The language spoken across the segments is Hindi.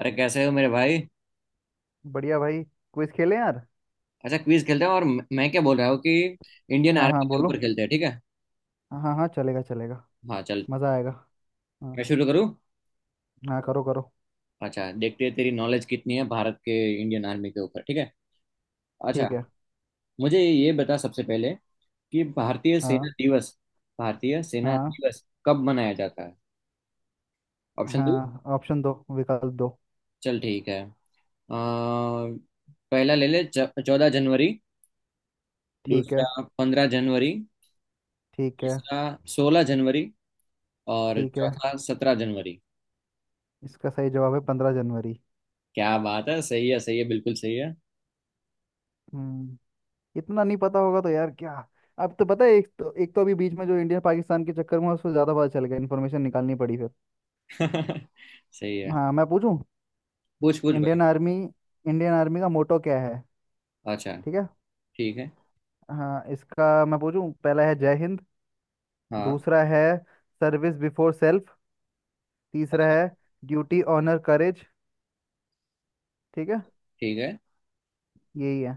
अरे कैसे हो मेरे भाई? बढ़िया भाई। क्विज खेलें यार। अच्छा, क्विज खेलते हैं और मैं क्या बोल रहा हूँ कि इंडियन हाँ, हाँ, आर्मी के बोलो। ऊपर खेलते हैं, ठीक है। हाँ, हाँ, चलेगा चलेगा। हाँ चल। मज़ा आएगा। हाँ। मैं शुरू करूँ। हाँ, करो करो। अच्छा, देखते हैं तेरी नॉलेज कितनी है भारत के, इंडियन आर्मी के ऊपर, ठीक है। अच्छा, ठीक है। मुझे ये बता सबसे पहले कि हाँ। भारतीय सेना हाँ। दिवस कब मनाया जाता है। ऑप्शन दो। हाँ, ऑप्शन दो, विकल्प दो। चल ठीक है। अ, पहला ले ले, 14 जनवरी। ठीक है। दूसरा, 15 जनवरी। ठीक है। तीसरा, 16 जनवरी। और ठीक है। चौथा, 17 जनवरी। इसका सही जवाब है 15 जनवरी। क्या बात है, सही है, सही है, बिल्कुल सही है। हम्म। इतना नहीं पता होगा तो यार क्या। अब तो पता है, एक तो अभी बीच में जो इंडिया पाकिस्तान के चक्कर में उसको ज़्यादा पता चल गया, इन्फॉर्मेशन निकालनी पड़ी फिर। सही है। हाँ, मैं पूछूं। पूछ पूछ भाई। इंडियन आर्मी का मोटो क्या है? अच्छा ठीक है। ठीक है। हाँ, इसका मैं पूछूं। पहला है जय हिंद। हाँ दूसरा है सर्विस बिफोर सेल्फ। तीसरा है ड्यूटी ऑनर करेज। ठीक है। ठीक है। यही है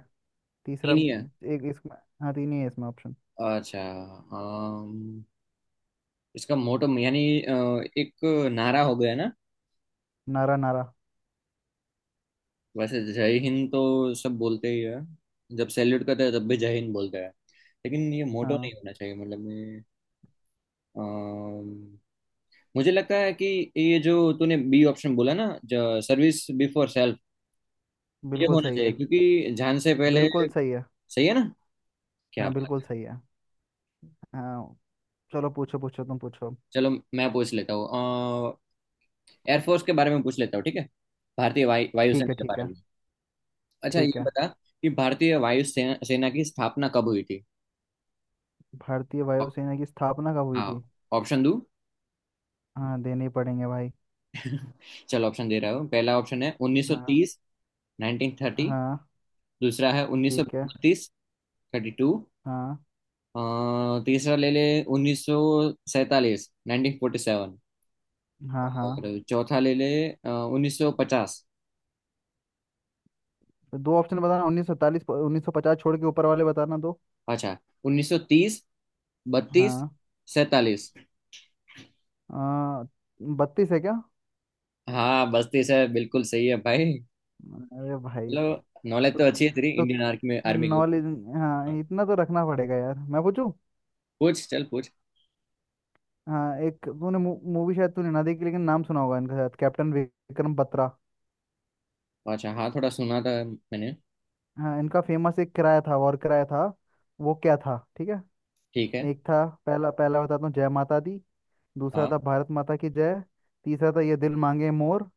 तीसरा। नहीं, नहीं है। एक इसमें। हाँ, तीन ही है इसमें ऑप्शन। अच्छा। अम, इसका मोटो यानी एक नारा हो गया ना। नारा, नारा। वैसे जय हिंद तो सब बोलते ही है। जब सैल्यूट करते हैं तब भी जय हिंद बोलते हैं। लेकिन ये मोटो हाँ, नहीं होना चाहिए, मतलब ये। अम, मुझे लगता है कि ये जो तूने बी ऑप्शन बोला ना, जो सर्विस बिफोर सेल्फ, ये बिल्कुल होना सही चाहिए है, क्योंकि जान से पहले, बिल्कुल सही है। सही है ना? क्या हाँ, बात बिल्कुल है। सही है। हाँ। चलो, पूछो पूछो, तुम पूछो। चलो, मैं पूछ लेता हूँ। एयरफोर्स के बारे में पूछ लेता हूँ, ठीक है। भारतीय वायु ठीक वायुसेना है। के ठीक बारे है। में। अच्छा, ठीक ये है। बता कि भारतीय वायुसेना सेना की स्थापना कब हुई थी। भारतीय ऑप- वायुसेना की स्थापना कब हुई हाँ, थी? ऑप्शन दो। हाँ, देने ही पड़ेंगे भाई। चलो, ऑप्शन दे रहा हूँ। पहला ऑप्शन है हाँ। 1930। 1930। हाँ। दूसरा है ठीक है। 1932। 32। हाँ। तीसरा ले ले, 1947। 1947। हाँ। हाँ, और चौथा ले ले 1950। दो ऑप्शन बताना, उन्नीस सौ पचास छोड़ के ऊपर वाले बताना दो। अच्छा। 1930, 1932, हाँ। 47। आ, 32 है क्या? हाँ, बस्ती से बिल्कुल सही है भाई। अरे भाई। चलो। नॉलेज तो तो अच्छी है तेरी, तो इंडियन आर्मी में, आर्मी के ऊपर। नॉलेज। हाँ, हाँ, इतना तो रखना पड़ेगा यार। मैं पूछूं। पूछ चल पूछ। हाँ, एक तूने मूवी शायद तूने ना देखी, लेकिन नाम सुना होगा इनका, शायद कैप्टन विक्रम बत्रा। अच्छा, हाँ, थोड़ा सुना था मैंने। हाँ, इनका फेमस एक किराया था, और किराया था वो क्या था? ठीक है। ठीक है। एक था पहला, पहला बताता हूँ जय माता दी। दूसरा हाँ। था भारत माता की जय। तीसरा था ये दिल मांगे मोर।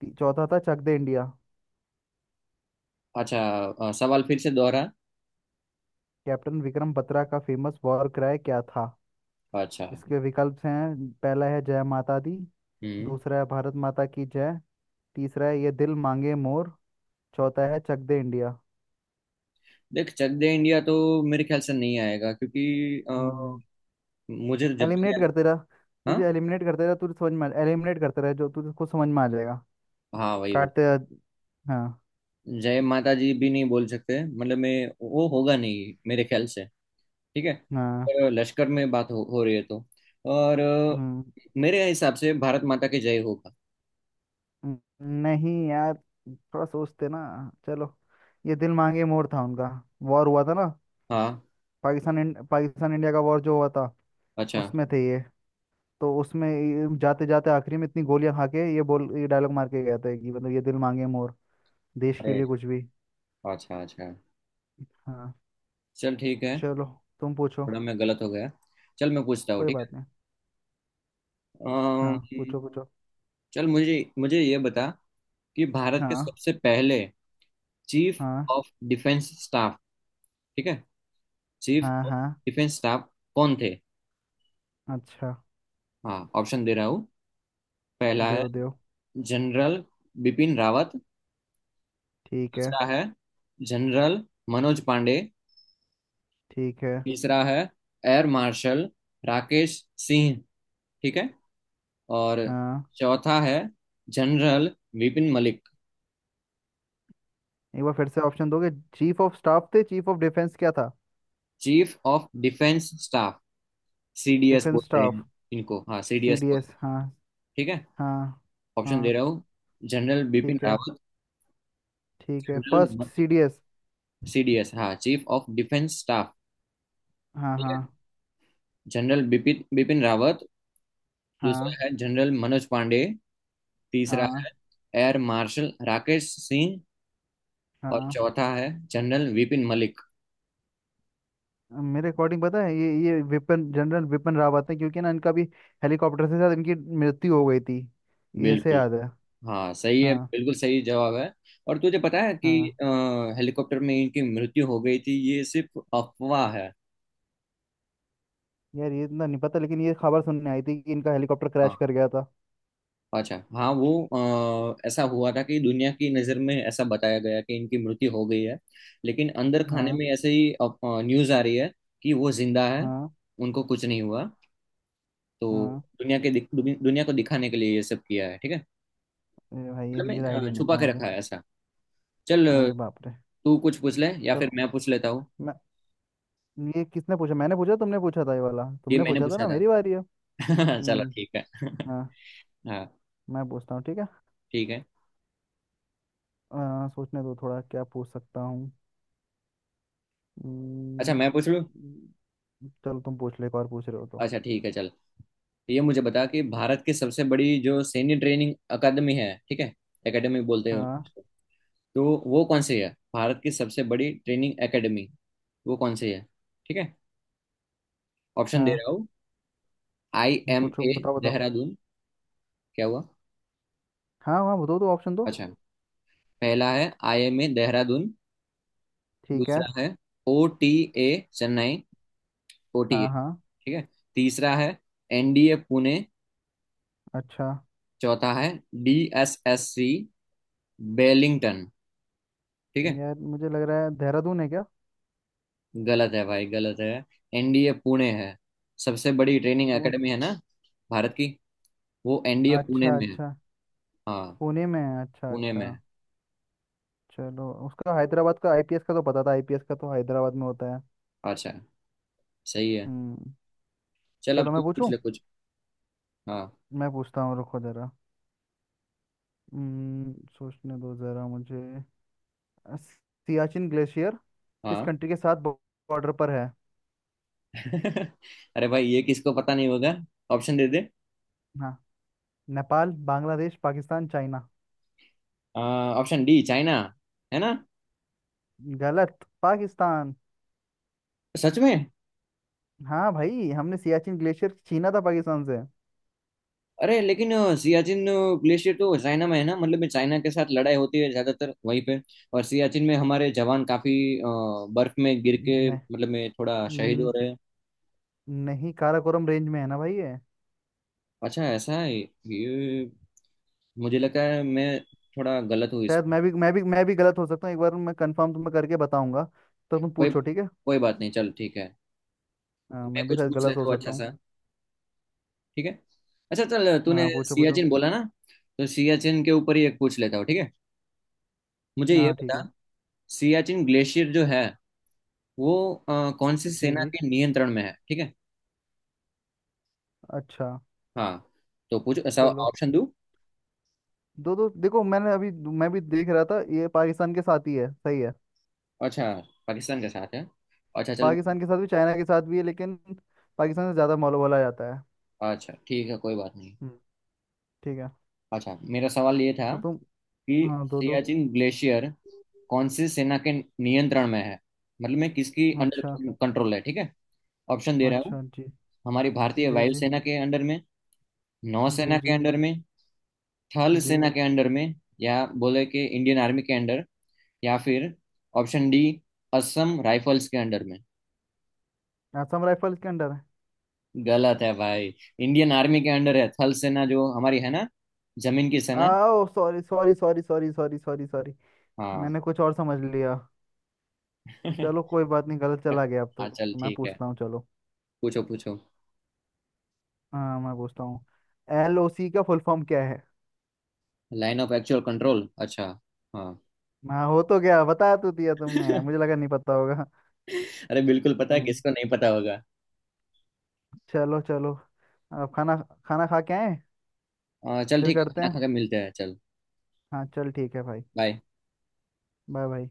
चौथा था चक दे इंडिया। अच्छा, सवाल फिर से दोहरा। कैप्टन विक्रम बत्रा का फेमस वॉर क्राई क्या था? अच्छा। इसके विकल्प हैं। पहला है जय माता दी। हम्म। दूसरा है भारत माता की जय। तीसरा है ये दिल मांगे मोर। चौथा है चक दे इंडिया। देख, चक दे इंडिया तो मेरे ख्याल से नहीं आएगा क्योंकि अ, हम्म। मुझे तो जब तक एलिमिनेट याद। करते रहा हाँ, तुझे, एलिमिनेट करते रहा तुझे, समझ में एलिमिनेट करते रहे, जो तुझे खुद समझ में आ जाएगा। हाँ वही वही। काटते रहा- हाँ। जय माता जी भी नहीं बोल सकते, मतलब मैं, वो होगा नहीं मेरे ख्याल से। ठीक है। हाँ। अगर लश्कर में बात हो रही है तो और हम्म। मेरे हिसाब से भारत माता की जय होगा। हम्म। नहीं यार, थोड़ा सोचते ना। चलो, ये दिल मांगे मोर था उनका। वॉर हुआ था ना। हाँ। पाकिस्तान इंडिया का वॉर जो हुआ था, अच्छा। उसमें थे ये। तो उसमें ये जाते जाते आखिरी में इतनी गोलियां खा के ये डायलॉग मार के गया था कि, मतलब, ये दिल मांगे मोर। देश के अरे, लिए कुछ भी। अच्छा अच्छा, हाँ। चल ठीक है। चलो, तुम पूछो। थोड़ा मैं गलत हो गया। चल, मैं पूछता हूँ, कोई ठीक बात है। नहीं। अम, हाँ, पूछो पूछो। चल मुझे मुझे ये बता कि भारत के हाँ। सबसे पहले चीफ हाँ। ऑफ डिफेंस स्टाफ, ठीक है, चीफ हाँ। ऑफ हाँ। डिफेंस स्टाफ कौन थे। अच्छा। हाँ, ऑप्शन दे रहा हूँ। पहला है देव, देव। जनरल बिपिन रावत। ठीक है। दूसरा है जनरल मनोज पांडे। ठीक है। तीसरा है एयर मार्शल राकेश सिंह। ठीक है। और हाँ, चौथा है जनरल विपिन मलिक। एक बार फिर से ऑप्शन दोगे? चीफ ऑफ स्टाफ थे, चीफ ऑफ डिफेंस क्या था? Chief of defence staff, CDS defence बोलते स्टाफ। हैं इनको। हाँ, सीडीएस सीडीएस, बोलते हैं। हाँ। ठीक है। हाँ। ऑप्शन दे हाँ। रहा हूँ। जनरल बिपिन ठीक है। रावत। ठीक है, फर्स्ट जनरल, सीडीएस। सीडीएस, हाँ, चीफ ऑफ डिफेंस स्टाफ। हाँ। ठीक हाँ। है। जनरल बिपिन बिपिन रावत। दूसरा हाँ। है जनरल मनोज पांडे। तीसरा हाँ। है एयर मार्शल राकेश सिंह। और हाँ, चौथा है जनरल विपिन मलिक। मेरे अकॉर्डिंग पता है, ये विपिन जनरल विपिन रावत है, क्योंकि ना इनका भी हेलीकॉप्टर से शायद इनकी मृत्यु हो गई थी। ये से बिल्कुल। याद है। हाँ सही है, हाँ। बिल्कुल सही जवाब है। और तुझे पता है कि हाँ। अ, हेलीकॉप्टर में इनकी मृत्यु हो गई थी, ये सिर्फ अफवाह है। यार, ये इतना नहीं पता, लेकिन ये खबर सुनने आई थी कि इनका हेलीकॉप्टर क्रैश हाँ। कर गया था। अच्छा, हाँ, वो ऐसा हुआ था कि दुनिया की नज़र में ऐसा बताया गया कि इनकी मृत्यु हो गई है। लेकिन अंदर खाने हाँ। में ऐसे ही न्यूज़ आ रही है कि वो जिंदा है, हाँ। उनको कुछ नहीं हुआ। तो हाँ। दुनिया के दिख- दुनिया को दिखाने के लिए ये सब किया है, ठीक है। अरे भाई, ये मतलब मैं ये आइडिया नहीं छुपा था के मुझे। रखा है ऐसा। चल अरे बाप रे। तू कुछ पूछ ले या फिर चलो। मैं पूछ लेता हूँ। मैं ये किसने पूछा? मैंने पूछा? तुमने पूछा था, ये वाला ये तुमने मैंने पूछा था पूछा ना। था। मेरी बारी है। चलो हम्म। ठीक है। हाँ, हाँ। मैं पूछता हूँ। ठीक है। ठीक है। सोचने दो थोड़ा, क्या पूछ सकता हूँ। अच्छा, हम्म। मैं पूछ लूँ। चलो, तुम पूछ लो, एक और पूछ रहे हो तो। अच्छा ठीक है चल। तो ये मुझे बता कि भारत की सबसे बड़ी जो सैन्य ट्रेनिंग अकादमी है, ठीक है, एकेडमी बोलते हैं हाँ। उसको, तो वो कौन सी है। भारत की सबसे बड़ी ट्रेनिंग एकेडमी, वो कौन सी है, ठीक है। ऑप्शन दे हाँ, रहा हूँ। आई एम पूछो, ए बताओ बताओ। देहरादून। क्या हुआ? हाँ, हाँ, बताओ तो, ऑप्शन दो। अच्छा, पहला है आई एम ए देहरादून। ठीक है। दूसरा है O T A Chennai, O T A. हाँ। हाँ। ठीक है। तीसरा है एनडीए पुणे। अच्छा। चौथा है D S S C Wellington. ठीक है। यार, मुझे लग रहा है देहरादून है क्या? गलत है भाई, गलत है। एनडीए पुणे है। सबसे बड़ी ट्रेनिंग पुण एकेडमी है ना भारत की, वो एनडीए पुणे अच्छा में है। अच्छा। हाँ। पुणे में है? अच्छा पुणे में अच्छा। है। चलो, उसका हैदराबाद का आईपीएस का तो पता था। आईपीएस का तो हैदराबाद में होता है। अच्छा। सही है। हम्म। चल, अब चलो, तू मैं पूछ पूछूं। ले कुछ। हाँ। मैं पूछता हूँ, रुको जरा। हम्म। सोचने दो जरा मुझे। सियाचिन ग्लेशियर किस हाँ। कंट्री के साथ बॉर्डर पर है? अरे भाई, ये किसको पता नहीं होगा? ऑप्शन दे दे। हाँ। Nepal, Bangladesh, Pakistan, China. Option D, China, है ना? गलत, पाकिस्तान। सच में? हाँ भाई, हमने सियाचिन ग्लेशियर छीना था पाकिस्तान से। अरे लेकिन सियाचिन ग्लेशियर तो चाइना में है ना, मतलब में चाइना के साथ लड़ाई होती है ज्यादातर वहीं पे। और सियाचिन में हमारे जवान काफी अ, बर्फ में गिर न, के, मतलब में थोड़ा शहीद न, हो रहे हैं। नहीं, काराकोरम रेंज में है ना भाई ये। अच्छा, ऐसा है ये। मुझे लगा है, मैं थोड़ा गलत हूँ शायद इसमें। मैं भी गलत हो सकता हूँ, एक बार मैं कंफर्म तुम्हें करके बताऊंगा। तो तुम कोई पूछो। ठीक है। कोई बात नहीं, चल ठीक है। हाँ, मैं मैं भी कुछ शायद पूछ गलत हो लेता हूँ, सकता अच्छा हूँ। सा, ठीक है। अच्छा चल, तूने हाँ, पूछो पूछो। सियाचिन बोला ना, तो सियाचिन के ऊपर ही एक पूछ लेता हूँ, ठीक है। मुझे ये हाँ। ठीक बता, है। सियाचिन ग्लेशियर जो है वो कौन सी जी, सेना जी। के नियंत्रण में है, ठीक है। अच्छा। हाँ, तो पूछो सब। चलो, ऑप्शन दूँ। दो दो देखो, मैंने अभी मैं भी देख रहा था, ये पाकिस्तान के साथ ही है। सही है। अच्छा, पाकिस्तान के साथ है। अच्छा चल। पाकिस्तान के साथ भी, चाइना के साथ भी है, लेकिन पाकिस्तान से ज़्यादा मौल बोला जाता है। अच्छा ठीक है, कोई बात नहीं। हम्म। ठीक है। अच्छा, मेरा सवाल ये था और तुम। कि हाँ, दो दो। सियाचिन ग्लेशियर कौन सी सेना के नियंत्रण में है, मतलब मैं किसकी अच्छा अंडर कंट्रोल है, ठीक है। ऑप्शन दे रहा हूँ। अच्छा। जी, हमारी भारतीय जी, जी, वायुसेना के अंडर में। नौसेना जी, के जी, अंडर में। थल जी। सेना के अंडर में, या बोले कि इंडियन आर्मी के अंडर। या फिर ऑप्शन डी, असम राइफल्स के अंडर में। असम राइफल्स के अंडर है। गलत है भाई। इंडियन आर्मी के अंडर है, थल सेना जो हमारी है ना, जमीन की सेना। आओ, sorry sorry sorry sorry sorry sorry sorry. हाँ। मैंने कुछ और समझ लिया। चलो, कोई बात नहीं, गलत चला गया। अब हाँ तो चल मैं ठीक है। पूछता हूँ। चलो। पूछो पूछो। हाँ, मैं पूछता हूँ। एलओसी का फुल फॉर्म क्या है? Line of actual control. अच्छा। हाँ। हाँ, हो तो गया, बता तो दिया तुमने। मुझे लगा नहीं पता होगा। अरे बिल्कुल पता है, हम्म। किसको नहीं पता होगा। चलो चलो। अब खाना, खाना खा के आए, आ, चल फिर ठीक है, करते खाना खा हैं। के मिलते हैं, चल। हाँ चल, ठीक है भाई। बाय। Bye bye.